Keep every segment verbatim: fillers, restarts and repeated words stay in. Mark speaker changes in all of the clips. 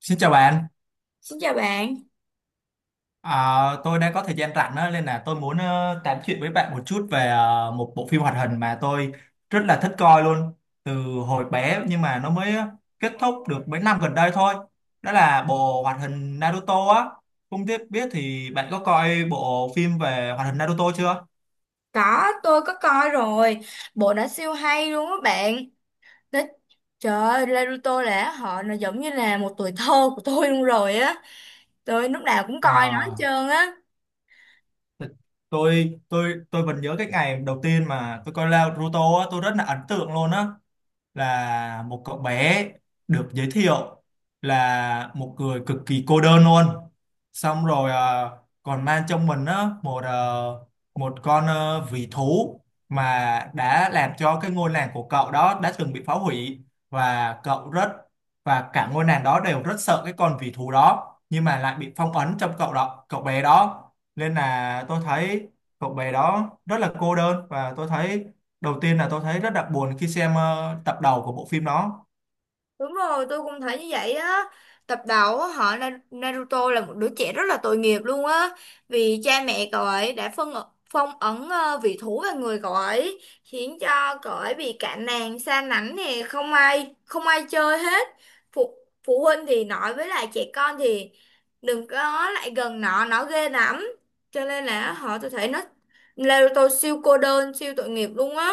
Speaker 1: Xin chào bạn.
Speaker 2: Xin chào bạn.
Speaker 1: À, tôi đang có thời gian rảnh đó, nên là tôi muốn ờ, tám chuyện với bạn một chút về ờ, một bộ phim hoạt hình mà tôi rất là thích coi luôn từ hồi bé nhưng mà nó mới kết thúc được mấy năm gần đây thôi. Đó là bộ hoạt hình Naruto á. Không biết biết thì bạn có coi bộ phim về hoạt hình Naruto chưa?
Speaker 2: Có, tôi có coi rồi. Bộ đã siêu hay luôn á bạn. Đó, trời ơi, Naruto là họ nó giống như là một tuổi thơ của tôi luôn rồi á. Tôi lúc nào cũng coi nó hết
Speaker 1: À,
Speaker 2: trơn á.
Speaker 1: th- tôi tôi tôi vẫn nhớ cái ngày đầu tiên mà tôi coi Naruto á, tôi rất là ấn tượng luôn á. Là một cậu bé được giới thiệu là một người cực kỳ cô đơn luôn, xong rồi ờ, còn mang trong mình á một ờ, một con ờ, vĩ thú mà đã làm cho cái ngôi làng của cậu đó đã từng bị phá hủy, và cậu rất và cả ngôi làng đó đều rất sợ cái con vĩ thú đó nhưng mà lại bị phong ấn trong cậu đó, cậu bé đó. Nên là tôi thấy cậu bé đó rất là cô đơn, và tôi thấy đầu tiên là tôi thấy rất đặc buồn khi xem ờ, tập đầu của bộ phim đó.
Speaker 2: Đúng rồi, tôi cũng thấy như vậy á. Tập đầu á, họ Na- Naruto là một đứa trẻ rất là tội nghiệp luôn á. Vì cha mẹ cậu ấy đã phân phong ấn ờ, vị thú vào người cậu ấy, khiến cho cậu ấy bị cạn nàng, xa lánh nè, không ai không ai chơi hết. Phụ phụ huynh thì nói với lại trẻ con thì đừng có lại gần nó, nó ghê lắm. Cho nên là họ tôi thấy nó Naruto siêu cô đơn, siêu tội nghiệp luôn á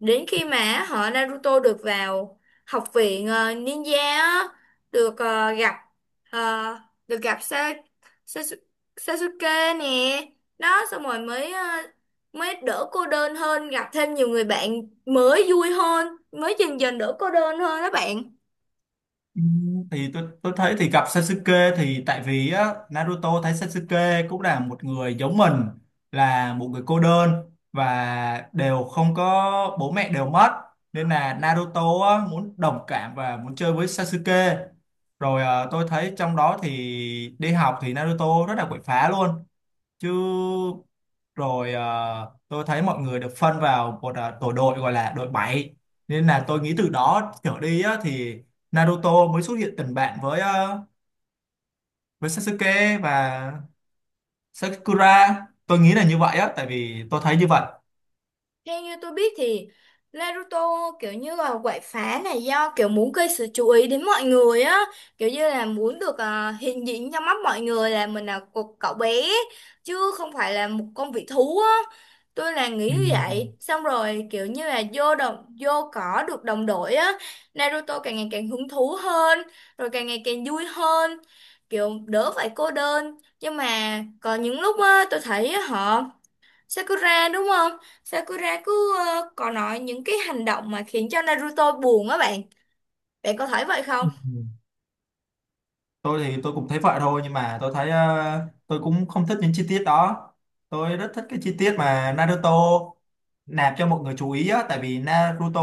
Speaker 2: đến khi mà họ Naruto được vào học viện ờ, ninja á, được ờ, gặp ờ, được gặp Sa Sasu- Sasuke nè đó xong rồi mới ờ, mới đỡ cô đơn hơn gặp thêm nhiều người bạn mới vui hơn mới dần dần đỡ cô đơn hơn đó bạn.
Speaker 1: Ừm, thì tôi tôi thấy thì gặp Sasuke thì tại vì á, Naruto thấy Sasuke cũng là một người giống mình, là một người cô đơn và đều không có bố mẹ đều mất, nên là Naruto á, muốn đồng cảm và muốn chơi với Sasuke. Rồi ờ, tôi thấy trong đó thì đi học thì Naruto rất là quậy phá luôn chứ. Rồi à, tôi thấy mọi người được phân vào một à, tổ đội gọi là đội bảy, nên là tôi nghĩ từ đó trở đi á, thì Naruto mới xuất hiện tình bạn với à, với Sasuke và Sakura, tôi nghĩ là như vậy á tại vì tôi thấy như vậy.
Speaker 2: Theo như tôi biết thì Naruto kiểu như là quậy phá này do kiểu muốn gây sự chú ý đến mọi người á, kiểu như là muốn được à, hiện diện trong mắt mọi người là mình là một cậu bé chứ không phải là một con vị thú á. Tôi là nghĩ
Speaker 1: Ừ.
Speaker 2: như vậy, xong rồi kiểu như là vô đồng vô cỏ được đồng đội á, Naruto càng ngày càng hứng thú hơn, rồi càng ngày càng vui hơn, kiểu đỡ phải cô đơn. Nhưng mà có những lúc á tôi thấy á họ Sakura đúng không? Sakura cứ ờ, có nói những cái hành động mà khiến cho Naruto buồn á bạn. Bạn có thấy vậy không?
Speaker 1: Tôi thì tôi cũng thấy vậy thôi nhưng mà tôi thấy ờ, tôi cũng không thích những chi tiết đó. Tôi rất thích cái chi tiết mà Naruto nạp cho mọi người chú ý á tại vì Naruto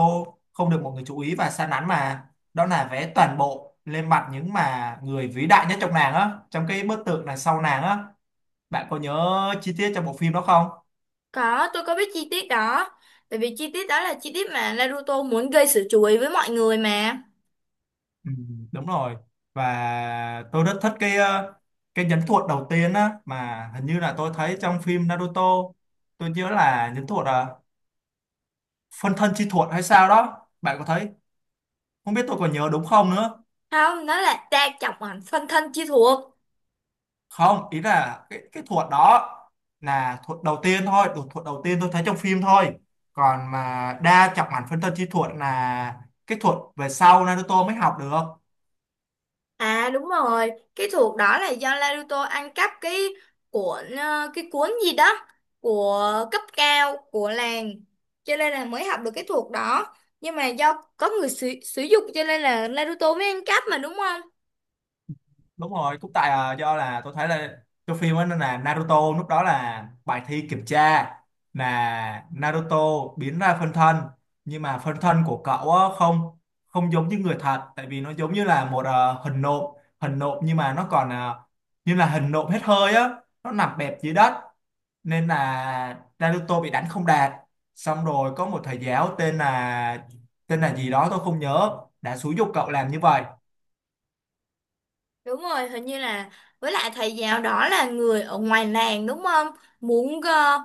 Speaker 1: không được mọi người chú ý và sa nắn mà, đó là vẽ toàn bộ lên mặt những mà người vĩ đại nhất trong nàng á, trong cái bức tượng đằng sau nàng á. Bạn có nhớ chi tiết trong bộ phim đó không?
Speaker 2: Có, tôi có biết chi tiết đó. Bởi vì chi tiết đó là chi tiết mà Naruto muốn gây sự chú ý với mọi người mà.
Speaker 1: Ừ, đúng rồi. Và tôi rất thích cái ờ, cái nhẫn thuật đầu tiên á mà hình như là tôi thấy trong phim Naruto. Tôi nhớ là nhẫn thuật à, phân thân chi thuật hay sao đó, bạn có thấy? Không biết tôi còn nhớ đúng không nữa.
Speaker 2: Không, nó là ta chọc ảnh phân thân chi thuộc.
Speaker 1: Không, ý là cái cái thuật đó là thuật đầu tiên thôi, thuật đầu tiên tôi thấy trong phim thôi, còn mà đa trọng ảnh phân thân chi thuật là cái thuật về sau Naruto mới học được.
Speaker 2: À đúng rồi, cái thuộc đó là do Naruto ăn cắp cái cuộn ờ, cái cuốn gì đó của cấp cao của làng cho nên là mới học được cái thuộc đó. Nhưng mà do có người sử, sử dụng cho nên là Naruto mới ăn cắp mà đúng không?
Speaker 1: Đúng rồi cũng tại à, do là tôi thấy là cái phim ấy nó là Naruto lúc đó là bài thi kiểm tra mà Naruto biến ra phân thân, nhưng mà phân thân của cậu á, không không giống như người thật tại vì nó giống như là một ờ, hình nộm. Hình nộm nhưng mà nó còn ờ, như là hình nộm hết hơi á, nó nằm bẹp dưới đất, nên là Naruto bị đánh không đạt. Xong rồi có một thầy giáo tên là tên là gì đó tôi không nhớ đã xúi giục cậu làm như vậy.
Speaker 2: Đúng rồi, hình như là với lại thầy giáo đó là người ở ngoài làng đúng không? Muốn ờ,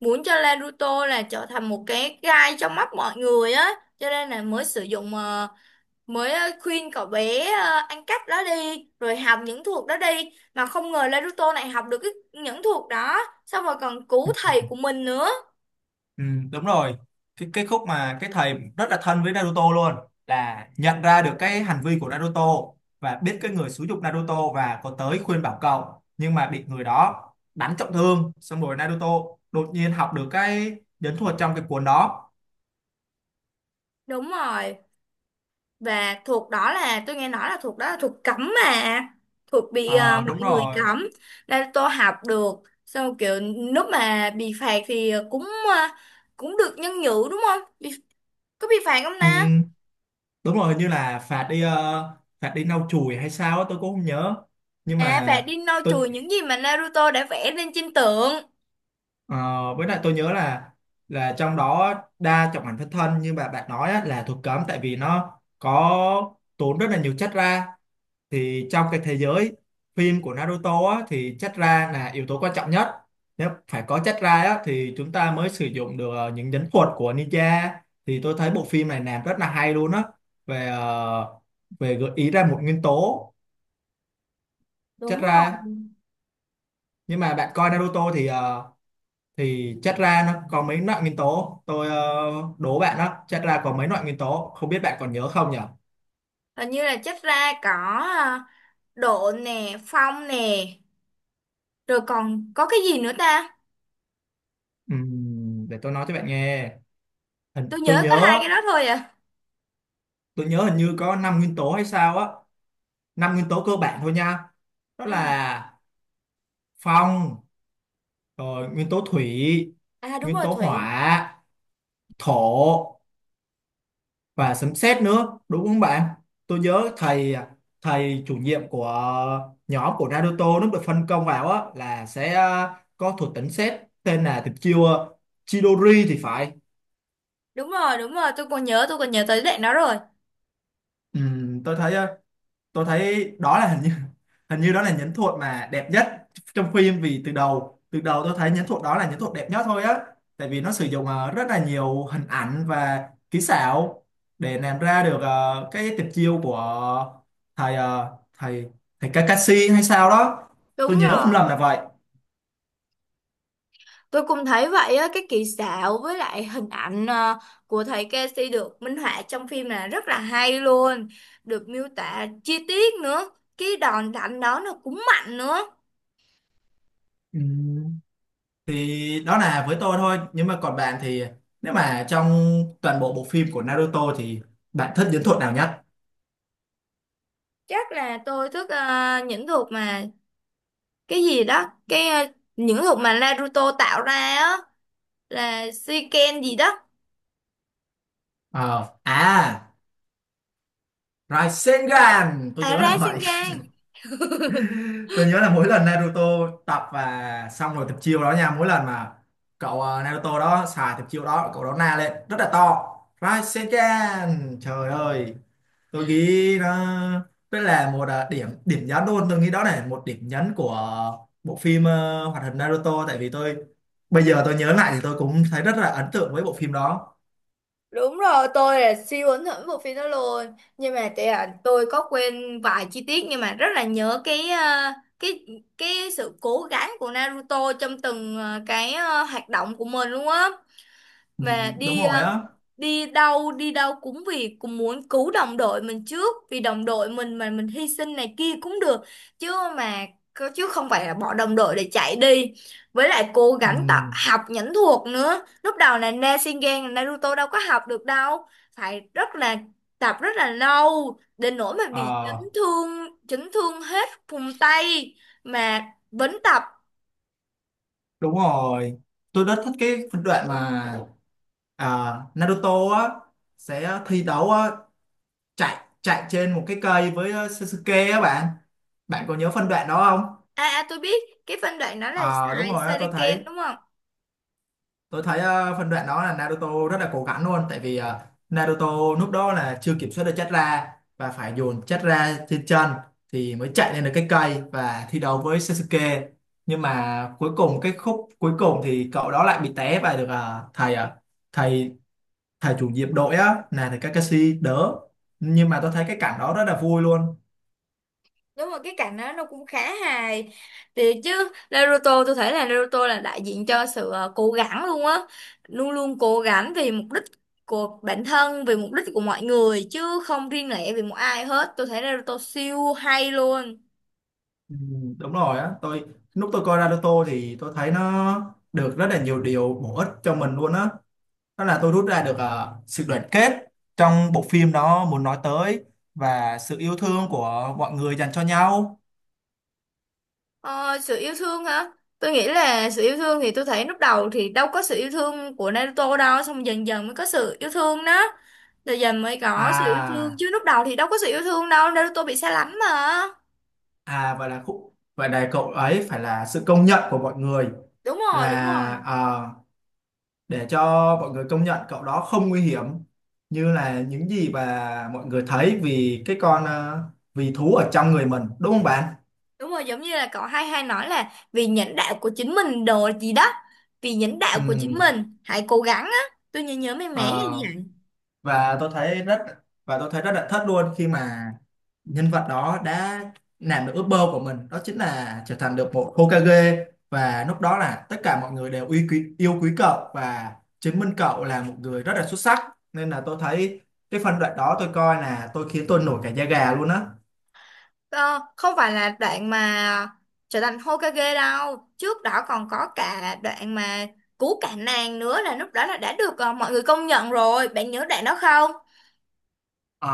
Speaker 2: muốn cho Naruto là trở thành một cái gai trong mắt mọi người á, cho nên là mới sử dụng ờ, mới ờ, khuyên cậu bé ờ, ăn cắp đó đi rồi học những thuật đó đi mà không ngờ Naruto này học được cái, những thuật đó xong rồi còn cứu thầy của mình nữa.
Speaker 1: Ừ, đúng rồi cái, cái khúc mà cái thầy rất là thân với Naruto luôn là nhận ra được cái hành vi của Naruto và biết cái người xúi giục Naruto và có tới khuyên bảo cậu, nhưng mà bị người đó đánh trọng thương, xong rồi Naruto đột nhiên học được cái nhẫn thuật trong cái cuốn đó.
Speaker 2: Đúng rồi, và thuật đó là tôi nghe nói là thuật đó là thuật cấm mà thuật bị ờ,
Speaker 1: Ờ, đúng
Speaker 2: mọi người
Speaker 1: rồi.
Speaker 2: cấm Naruto học được xong rồi kiểu lúc mà bị phạt thì cũng ờ, cũng được nhân nhự đúng không bị, có bị phạt không ta?
Speaker 1: Ừ, đúng rồi hình như là phạt đi ờ, phạt đi lau chùi hay sao á, tôi cũng không nhớ. Nhưng
Speaker 2: À phạt
Speaker 1: mà
Speaker 2: đi lau
Speaker 1: tôi
Speaker 2: chùi những gì mà Naruto đã vẽ lên trên tượng.
Speaker 1: Ờ, với lại tôi nhớ là là trong đó, đa trọng ảnh phân thân như bà bạn nói á, là thuộc cấm tại vì nó có tốn rất là nhiều chất ra. Thì trong cái thế giới phim của Naruto á, thì chất ra là yếu tố quan trọng nhất, nếu phải có chất ra á, thì chúng ta mới sử dụng được ờ, những nhẫn thuật của ninja. Thì tôi thấy bộ phim này làm rất là hay luôn á về ờ, về gợi ý ra một nguyên tố
Speaker 2: Đúng
Speaker 1: chất ra.
Speaker 2: rồi.
Speaker 1: Nhưng mà bạn coi Naruto thì ờ, thì chất ra nó có mấy loại nguyên tố, tôi ờ, đố bạn đó chất ra có mấy loại nguyên tố không biết bạn còn nhớ không nhỉ?
Speaker 2: Hình như là chất ra có à, độ nè, phong nè, rồi còn có cái gì nữa ta?
Speaker 1: Ừm, để tôi nói cho bạn nghe. hình,
Speaker 2: Tôi
Speaker 1: tôi
Speaker 2: nhớ có hai
Speaker 1: nhớ
Speaker 2: cái đó thôi à.
Speaker 1: tôi nhớ hình như có năm nguyên tố hay sao á, năm nguyên tố cơ bản thôi nha, đó
Speaker 2: Ừ.
Speaker 1: là phong, rồi nguyên tố thủy,
Speaker 2: À đúng
Speaker 1: nguyên
Speaker 2: rồi
Speaker 1: tố
Speaker 2: Thủy.
Speaker 1: hỏa, thổ, và sấm sét nữa đúng không bạn? Tôi nhớ thầy thầy chủ nhiệm của nhóm của Naruto nó được phân công vào á là sẽ ờ, có thuật tính sét tên là tuyệt chiêu ờ, Chidori thì phải.
Speaker 2: Đúng rồi, đúng rồi, tôi còn nhớ, tôi còn nhớ tới đoạn đó rồi.
Speaker 1: Ừ, tôi thấy ờ, tôi thấy đó là hình như, hình như đó là nhẫn thuật mà đẹp nhất trong phim, vì từ đầu từ đầu tôi thấy nhẫn thuật đó là nhẫn thuật đẹp nhất thôi á, tại vì nó sử dụng ờ, rất là nhiều hình ảnh và kỹ xảo để làm ra được ờ, cái tuyệt chiêu của thầy ờ, thầy thầy Kakashi hay sao đó, tôi
Speaker 2: Đúng
Speaker 1: nhớ không
Speaker 2: rồi.
Speaker 1: lầm là vậy.
Speaker 2: Tôi cũng thấy vậy á, cái kỹ xảo với lại hình ảnh à, của thầy Casey được minh họa trong phim là rất là hay luôn. Được miêu tả chi tiết nữa. Cái đòn đánh đó nó cũng mạnh nữa.
Speaker 1: Ừm, thì đó là với tôi thôi, nhưng mà còn bạn thì nếu mà trong toàn bộ bộ phim của Naruto thì bạn thích nhẫn thuật nào nhất?
Speaker 2: Chắc là tôi thích à, những thuộc mà cái gì đó cái ờ, những hộp mà Naruto tạo ra á là Shiken gì đó.
Speaker 1: Ờ, à Rasengan tôi
Speaker 2: À
Speaker 1: nhớ
Speaker 2: ra
Speaker 1: là vậy.
Speaker 2: Shiken
Speaker 1: Tôi nhớ là mỗi lần Naruto tập và xong rồi tập chiêu đó nha, mỗi lần mà cậu ờ, Naruto đó xài tập chiêu đó cậu đó na lên rất là to, Rasengan, trời ơi. Tôi nghĩ nó rất là một ờ, điểm điểm nhấn luôn, tôi nghĩ đó là một điểm nhấn của bộ phim ờ, hoạt hình Naruto, tại vì tôi bây giờ tôi nhớ lại thì tôi cũng thấy rất là ấn tượng với bộ phim đó.
Speaker 2: đúng rồi, tôi là siêu ấn hưởng bộ phim đó luôn nhưng mà tại là tôi có quên vài chi tiết nhưng mà rất là nhớ cái ờ, cái cái sự cố gắng của Naruto trong từng ờ, cái ờ, hoạt động của mình luôn á
Speaker 1: Ừ,
Speaker 2: mà
Speaker 1: đúng
Speaker 2: đi ờ,
Speaker 1: rồi á.
Speaker 2: đi đâu đi đâu cũng vì cũng muốn cứu đồng đội mình trước vì đồng đội mình mà mình hy sinh này kia cũng được chứ mà chứ không phải là bỏ đồng đội để chạy đi với lại cố
Speaker 1: Ừ.
Speaker 2: gắng tập học nhẫn thuật nữa lúc đầu là Rasengan Naruto đâu có học được đâu phải rất là tập rất là lâu đến nỗi mà bị chấn
Speaker 1: Ờ,
Speaker 2: thương chấn thương hết vùng tay mà vẫn tập.
Speaker 1: đúng rồi, tôi rất thích cái phân đoạn mà à, Naruto á sẽ thi đấu á, chạy chạy trên một cái cây với ờ, Sasuke á bạn. Bạn có nhớ phân đoạn đó không?
Speaker 2: À, à tôi biết cái phân đoạn đó là
Speaker 1: Ờ đúng
Speaker 2: xài
Speaker 1: rồi, á, tôi thấy
Speaker 2: Shuriken đúng không.
Speaker 1: tôi thấy ờ, phân đoạn đó là Naruto rất là cố gắng luôn tại vì ờ, Naruto lúc đó là chưa kiểm soát được Chakra, và phải dồn Chakra trên chân thì mới chạy lên được cái cây và thi đấu với Sasuke. Nhưng mà cuối cùng, cái khúc cuối cùng thì cậu đó lại bị té và được ờ, thầy ờ, thầy thầy chủ nhiệm đội á là thầy Kakashi đỡ, nhưng mà tôi thấy cái cảnh đó rất là vui luôn.
Speaker 2: Đúng rồi cái cảnh đó nó cũng khá hài thì chứ Naruto tôi thấy là Naruto là đại diện cho sự ờ, cố gắng luôn á luôn luôn cố gắng vì mục đích của bản thân vì mục đích của mọi người chứ không riêng lẻ vì một ai hết, tôi thấy Naruto siêu hay luôn.
Speaker 1: Ừ, đúng rồi á, tôi lúc tôi coi Naruto thì tôi thấy nó được rất là nhiều điều bổ ích cho mình luôn á, đó là tôi rút ra được ờ, sự đoàn kết trong bộ phim đó muốn nói tới và sự yêu thương của mọi người dành cho nhau.
Speaker 2: Ờ, sự yêu thương hả? Tôi nghĩ là sự yêu thương thì tôi thấy lúc đầu thì đâu có sự yêu thương của Naruto đâu, xong dần dần mới có sự yêu thương đó. Rồi dần mới có sự yêu thương
Speaker 1: à
Speaker 2: chứ lúc đầu thì đâu có sự yêu thương đâu, Naruto bị xa lánh mà.
Speaker 1: à vậy là khúc vậy là cậu ấy phải là sự công nhận của mọi người,
Speaker 2: Đúng rồi, đúng rồi.
Speaker 1: là để cho mọi người công nhận cậu đó không nguy hiểm như là những gì mà mọi người thấy vì cái con ờ, vì thú ở trong người mình, đúng không bạn?
Speaker 2: Đúng rồi, giống như là cậu hay hay nói là vì nhãn đạo của chính mình đồ gì đó. Vì nhãn đạo của chính
Speaker 1: Ừm,
Speaker 2: mình, hãy cố gắng á. Tôi nhớ nhớ mấy mẻ hay gì
Speaker 1: ờ,
Speaker 2: vậy.
Speaker 1: và tôi thấy rất và tôi thấy rất là thất luôn khi mà nhân vật đó đã làm được ước mơ của mình đó chính là trở thành được một Hokage, và lúc đó là tất cả mọi người đều yêu quý yêu quý cậu và chứng minh cậu là một người rất là xuất sắc, nên là tôi thấy cái phân đoạn đó tôi coi là tôi khiến tôi nổi cả da gà luôn á.
Speaker 2: Ờ, không phải là đoạn mà trở thành Hokage đâu. Trước đó còn có cả đoạn mà cứu cả nàng nữa là lúc đó là đã được ờ, mọi người công nhận rồi. Bạn nhớ đoạn đó không?
Speaker 1: Ờ,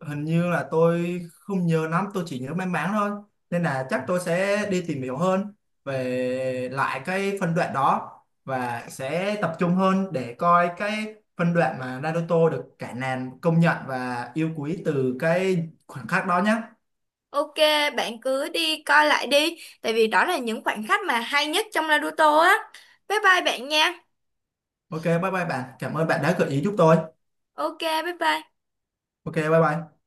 Speaker 1: hình như là tôi không nhớ lắm, tôi chỉ nhớ mang máng thôi. Nên là chắc tôi sẽ đi tìm hiểu hơn về lại cái phân đoạn đó và sẽ tập trung hơn để coi cái phân đoạn mà Naruto được cả nàn công nhận và yêu quý từ cái khoảnh khắc đó nhé.
Speaker 2: Ok, bạn cứ đi coi lại đi. Tại vì đó là những khoảnh khắc mà hay nhất trong Naruto á. Bye bye bạn nha.
Speaker 1: Ok, bye bye bạn. Cảm ơn bạn đã gợi ý giúp tôi.
Speaker 2: Ok, bye bye.
Speaker 1: Ok, bye bye.